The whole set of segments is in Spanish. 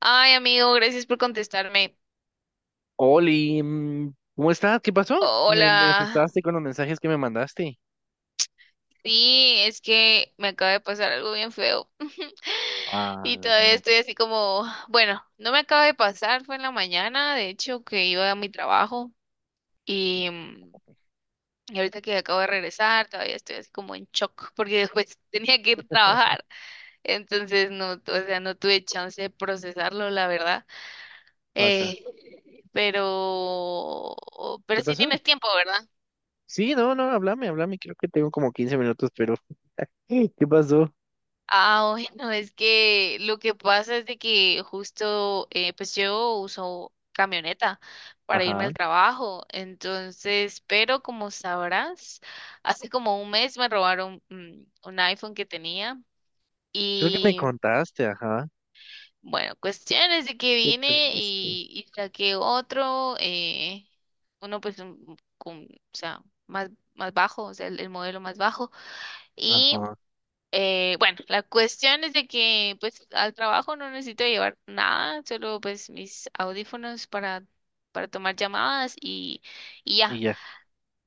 Ay, amigo, gracias por contestarme. Oli, mm, ¿cómo estás? ¿Qué pasó? Me Hola. asustaste con los mensajes que me mandaste. Sí, es que me acaba de pasar algo bien feo. Ah, Y no, todavía no. estoy así como, bueno, no me acaba de pasar, fue en la mañana, de hecho, que iba a mi trabajo y, mm, y ahorita que acabo de regresar, todavía estoy así como en shock porque después tenía que ir a trabajar. Entonces, no, o sea, no tuve chance de procesarlo, la verdad. Pasa. Eh, pero, pero ¿Qué sí pasó? tienes tiempo, ¿verdad? Sí, no, no, háblame, háblame. Creo que tengo como 15 minutos, pero ¿qué pasó? Ah, bueno, es que lo que pasa es de que justo, pues yo uso camioneta para irme Ajá, al trabajo, entonces, pero como sabrás, hace como un mes me robaron un iPhone que tenía creo que me y contaste, ajá. bueno, cuestiones de que Qué vine triste. y saqué otro, uno pues con, o sea, más bajo, o sea, el modelo más bajo. Y Ajá. Bueno, la cuestión es de que pues al trabajo no necesito llevar nada, solo pues mis audífonos para tomar llamadas y Y ya. ya.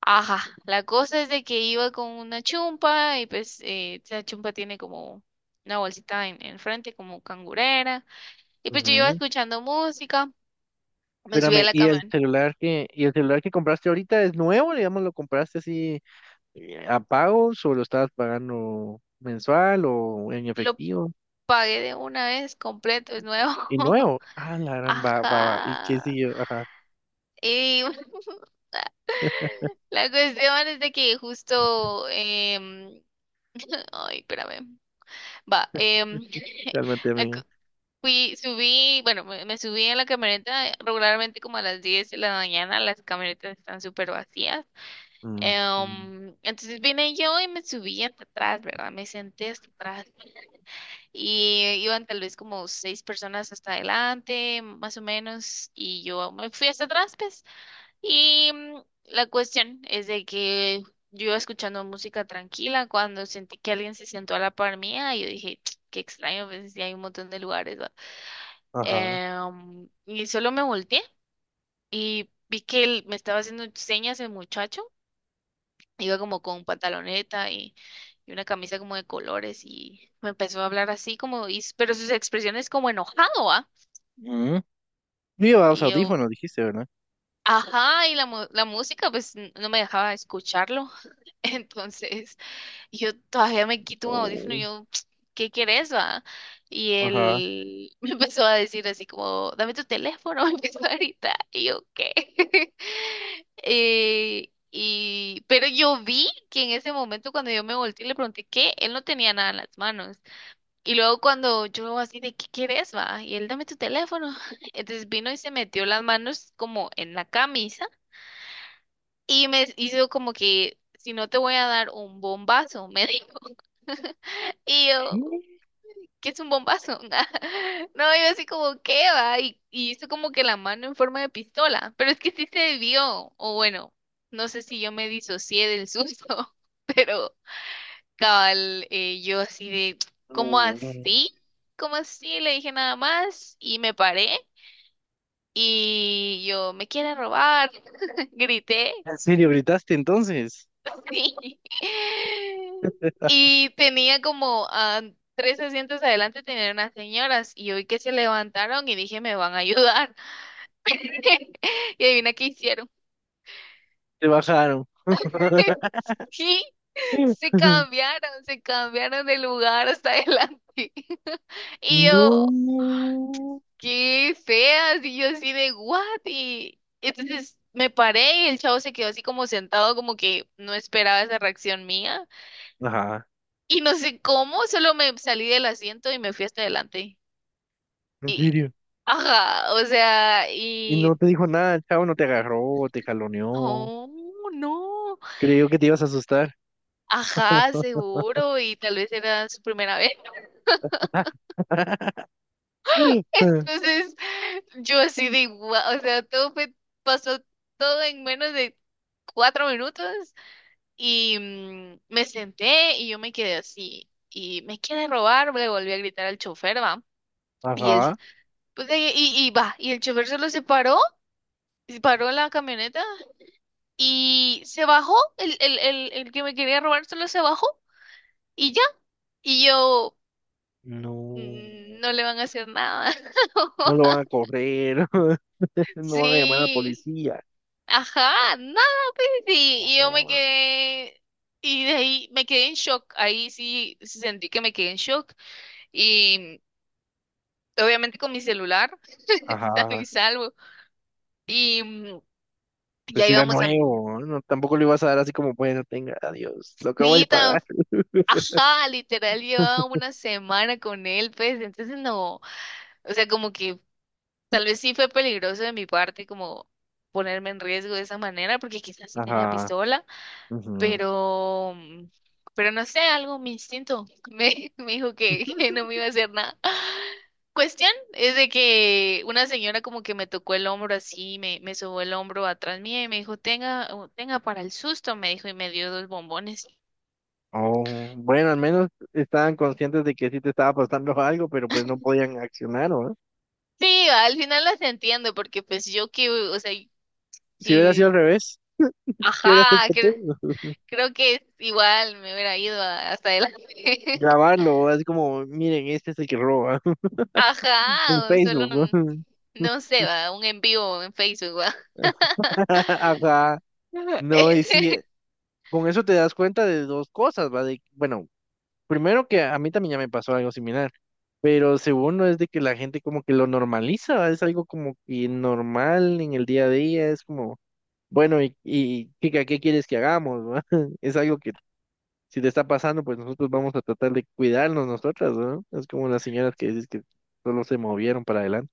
Ajá, la cosa es de que iba con una chumpa y pues esa chumpa tiene como una bolsita en frente como cangurera y pues yo iba Ujú. escuchando música, me subí a Espérame, la camioneta, ¿y el celular que compraste ahorita es nuevo? Digamos, ¿lo compraste así a pagos o lo estabas pagando mensual o en lo efectivo? pagué de una vez completo, es nuevo. Y nuevo. Ah, la gran va, va, va. ¿Y qué Ajá. siguió? Ajá. Y la cuestión es de que justo, ay, espérame, va, Realmente, la cu- amigo. fui, subí, bueno, me subí en la camioneta regularmente como a las 10 de la mañana, las camionetas están súper vacías, Mm, mm, entonces vine yo y me subí hasta atrás, ¿verdad? Me senté hasta atrás y iban tal vez como seis personas hasta adelante, más o menos, y yo me fui hasta atrás, pues. Y la cuestión es de que yo iba escuchando música tranquila cuando sentí que alguien se sentó a la par mía y yo dije, "Ch, qué extraño, pues sí hay un montón de lugares, ¿va?". ajá. Y solo me volteé y vi que él me estaba haciendo señas el muchacho, iba como con pantaloneta y una camisa como de colores y me empezó a hablar así como, pero sus expresiones como enojado, ¿va? Mm. Llevabas Y yo, audífonos, dijiste, ¿verdad? ajá, y la música pues no me dejaba escucharlo. Entonces. Y yo todavía me quito un audífono Oh, y yo, ¿qué querés, va? Y ajá. él me empezó a decir así como, dame tu teléfono, me empezó a gritar. Y yo, ¿qué? Pero yo vi que en ese momento cuando yo me volteé y le pregunté qué, él no tenía nada en las manos. Y luego cuando yo así de, ¿qué querés, va? Y él, dame tu teléfono. Entonces vino y se metió las manos como en la camisa y me hizo como que, si no te voy a dar un bombazo, me dijo. Y yo, Sí. ¿qué es un bombazo? No, yo así como, ¿qué va? Y hizo como que la mano en forma de pistola, pero es que sí se vio, o bueno, no sé si yo me disocié del susto, pero cabal, yo así de, ¿cómo Oh. ¿En así? ¿Cómo así? Le dije nada más y me paré y yo, ¿me quieren robar? Grité. serio gritaste entonces? Sí. Y tenía como tres asientos adelante, tenían unas señoras y hoy que se levantaron y dije, me van a ayudar. Y adivina qué hicieron. Te bajaron. Sí, se cambiaron de lugar hasta adelante. Y yo, No. qué feas. Y yo así de, what? Y entonces me paré y el chavo se quedó así como sentado, como que no esperaba esa reacción mía. Ajá. Y no sé cómo, solo me salí del asiento y me fui hasta adelante. ¿En Y, serio? ajá, o sea, Y y, no te dijo nada, el chavo no te agarró, te caloneó. no, no, Creyó que te ibas a asustar. ajá, seguro, y tal vez era su primera vez. Entonces, yo así de igual, o sea, pasó todo en menos de 4 minutos y me senté y yo me quedé así. Y me quiere robar, le volví a gritar al chofer, va. Y él, Ajá. pues, y va, y el chofer solo se paró, paró la camioneta y se bajó, el que me quería robar solo se bajó y ya. Y yo, No, "Mm, no le van a hacer nada". no lo van a correr, no van a llamar a la Sí, policía. ajá, nada, pues sí. Y yo me quedé, y de ahí me quedé en shock. Ahí sí sentí que me quedé en shock. Y obviamente con mi celular, sano Ajá, y salvo. Y pues ya si era íbamos a mi nuevo, no, tampoco le ibas a dar así como, bueno, tenga, adiós, lo acabo de pagar. cita. Ajá, literal llevaba una semana con él, pues, entonces no, o sea, como que tal vez sí fue peligroso de mi parte como ponerme en riesgo de esa manera, porque quizás sí tenía Ajá. pistola, Ujú. pero, mm, pero no sé, algo, mi instinto me, me dijo que no me iba a hacer nada. Cuestión es de que una señora como que me tocó el hombro así, me sobó el hombro atrás mía y me dijo, tenga, tenga para el susto, me dijo y me dio dos bombones. Oh, bueno, al menos estaban conscientes de que sí te estaba pasando algo, pero pues no podían accionar, ¿no? Sí, al final las entiendo, porque pues yo que, o sea, Si hubiera sido al sí, revés, ¿qué hubieras hecho ajá, tú? cre- creo que igual me hubiera ido hasta adelante. Grabarlo, así como, miren, este es el que roba, en Ajá, o solo, Facebook, ¿no? no sé, va, un en vivo en Facebook, va. Ajá. No, y sí, con eso te das cuenta de dos cosas, ¿va? De, bueno, primero que a mí también ya me pasó algo similar, pero segundo es de que la gente como que lo normaliza, ¿va? Es algo como que normal en el día a día, es como, bueno, ¿y chica, ¿qué quieres que hagamos, va? Es algo que si te está pasando, pues nosotros vamos a tratar de cuidarnos nosotras, ¿no? Es como las señoras que dices que solo se movieron para adelante.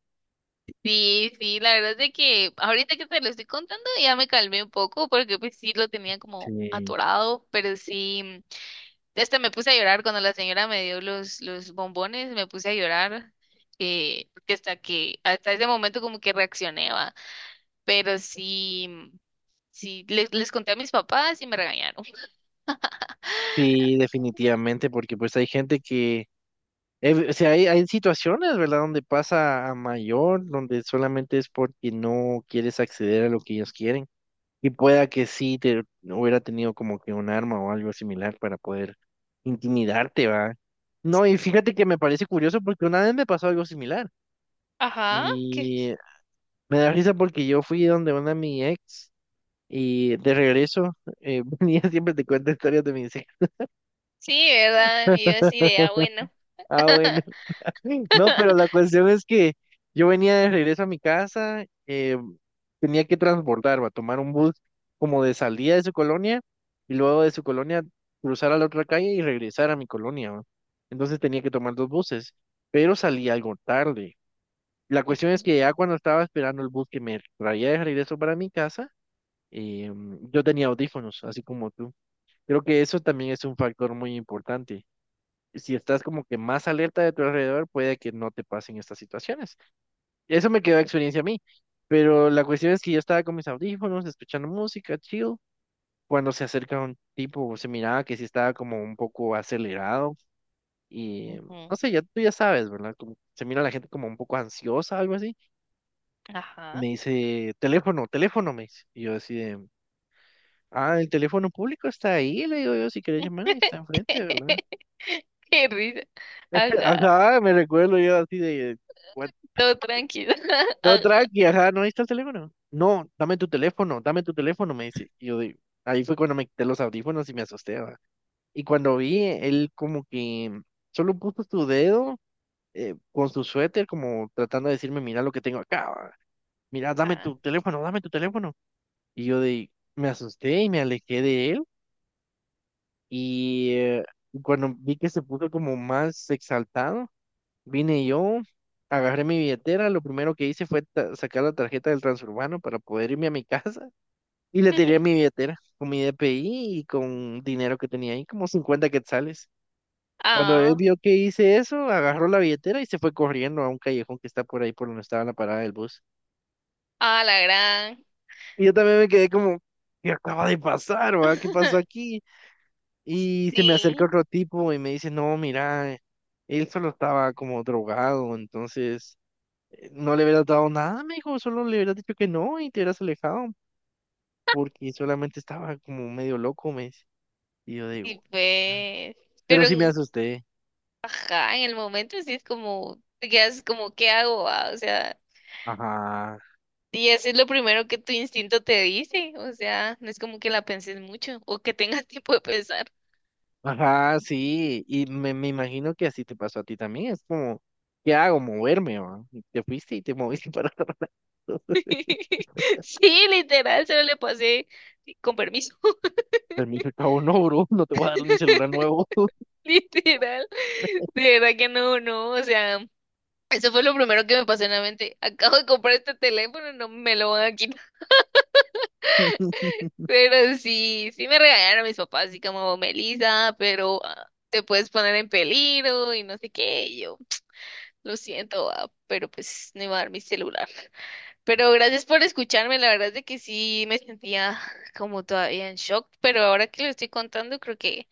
Sí, sí, la verdad es de que ahorita que te lo estoy contando ya me calmé un poco, porque pues sí lo tenía como Sí, atorado, pero sí. Me puse a llorar cuando la señora me dio los bombones, me puse a llorar, porque hasta ese momento como que reaccioné, va. Pero sí, sí, les conté a mis papás y me regañaron. sí, definitivamente, porque pues hay gente que... o sea, hay situaciones, ¿verdad?, donde pasa a mayor, donde solamente es porque no quieres acceder a lo que ellos quieren. Y pueda que sí te hubiera tenido como que un arma o algo similar para poder intimidarte, ¿va? No, y fíjate que me parece curioso porque una vez me pasó algo similar. Ajá, que Y me da risa porque yo fui donde una mi ex y de regreso, venía, siempre te cuento historias de mis ex. sí, ¿verdad? Y yo así de, ah, bueno. Ah, bueno. No, pero la cuestión es que yo venía de regreso a mi casa, tenía que transbordarme, a tomar un bus como de salida de su colonia y luego de su colonia cruzar a la otra calle y regresar a mi colonia, ¿va? Entonces tenía que tomar dos buses, pero salí algo tarde. La cuestión es Ujú, que ya cuando estaba esperando el bus que me traía de regreso para mi casa, eh, yo tenía audífonos, así como tú. Creo que eso también es un factor muy importante, si estás como que más alerta de tu alrededor, puede que no te pasen estas situaciones. Eso me quedó de experiencia a mí. Pero la cuestión es que yo estaba con mis audífonos, escuchando música, chill. Cuando se acerca un tipo, se miraba que sí estaba como un poco acelerado. Y no ujú, sé, ya tú ya sabes, ¿verdad? Como se mira a la gente como un poco ansiosa, algo así. Y me ajá. dice, teléfono, teléfono, me dice. Y yo así de, ah, el teléfono público está ahí, le digo yo, si querés llamar, ahí está enfrente, ¿verdad? Qué risa. Ajá, Ajá, me recuerdo yo así de, what. todo tranquilo. No, tranqui, ajá, no, ahí está el teléfono. No, dame tu teléfono, me dice. Y yo digo, ahí fue cuando me quité los audífonos y me asusté, ¿va? Y cuando vi, él como que solo puso su dedo, con su suéter, como tratando de decirme, mira lo que tengo acá, ¿va? Mira, dame Ajá. tu teléfono, dame tu teléfono. Y yo de, me asusté y me alejé de él. Y eh, cuando vi que se puso como más exaltado, vine yo, agarré mi billetera, lo primero que hice fue sacar la tarjeta del transurbano para poder irme a mi casa y le tiré mi billetera con mi DPI y con dinero que tenía ahí, como 50 quetzales. Cuando él Ah, vio que hice eso, agarró la billetera y se fue corriendo a un callejón que está por ahí por donde estaba la parada del bus. ah, la gran. Y yo también me quedé como, ¿qué acaba de pasar, va? ¿Qué pasó aquí? Y se me acerca Sí. otro tipo y me dice, no, mira, él solo estaba como drogado, entonces... No le hubieras dado nada, me dijo, solo le hubieras dicho que no y te hubieras alejado, porque solamente estaba como medio loco, me dice. Y yo Y digo, pues, pero pero sí me en, asusté. ajá, en el momento sí es como, te quedas como, ¿qué hago?, ¿va? O sea, Ajá, y eso es lo primero que tu instinto te dice, o sea, no es como que la penses mucho o que tengas tiempo de pensar. ajá, sí, y me imagino que así te pasó a ti también, es como, ¿qué hago? Moverme, va. Y te fuiste y te moviste para otro lado. Sí, literal, se le pasé sí, con permiso, Pero me dijo, el cabo, no, bro, no te voy a dar mi celular nuevo. literal. De verdad que no, no, o sea, eso fue lo primero que me pasó en la mente. Acabo de comprar este teléfono, no me lo van a quitar. Pero sí, sí me regañaron mis papás, así como Melisa, pero ah, te puedes poner en peligro y no sé qué. Y yo, lo siento, ah, pero pues no iba a dar mi celular. Pero gracias por escucharme, la verdad es de que sí me sentía como todavía en shock, pero ahora que lo estoy contando, creo que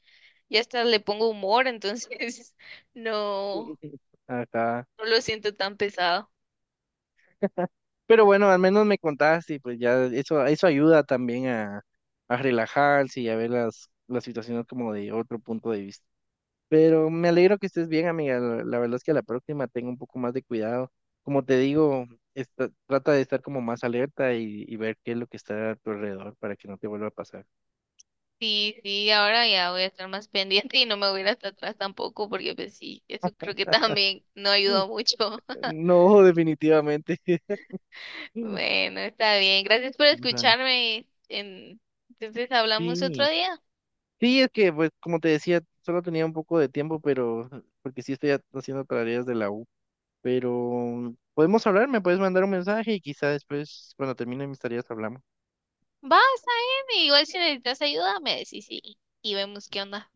ya hasta le pongo humor, entonces no, Ajá. no lo siento tan pesado. Pero bueno, al menos me contaste y pues ya eso ayuda también a relajarse y a ver las situaciones como de otro punto de vista. Pero me alegro que estés bien, amiga. La verdad es que a la próxima tengo un poco más de cuidado. Como te digo, trata de estar como más alerta y ver qué es lo que está a tu alrededor para que no te vuelva a pasar. Sí, sí, ahora ya voy a estar más pendiente y no me voy a ir hasta atrás tampoco, porque pues sí, eso creo que también no Mm. ayudó mucho. No, definitivamente. Mm. Bueno, está bien. Gracias por Va, escucharme. Entonces hablamos otro sí, día. sí, es que, pues, como te decía, solo tenía un poco de tiempo, pero porque sí estoy haciendo tareas de la U. Pero podemos hablar, me puedes mandar un mensaje y quizá después, cuando termine mis tareas, hablamos. Va, está bien. Igual si necesitas ayuda, me decís y vemos qué onda.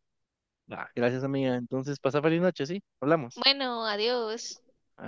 Va, gracias, amiga. Entonces, pasa feliz noche, ¿sí? Hablamos. Bueno, adiós.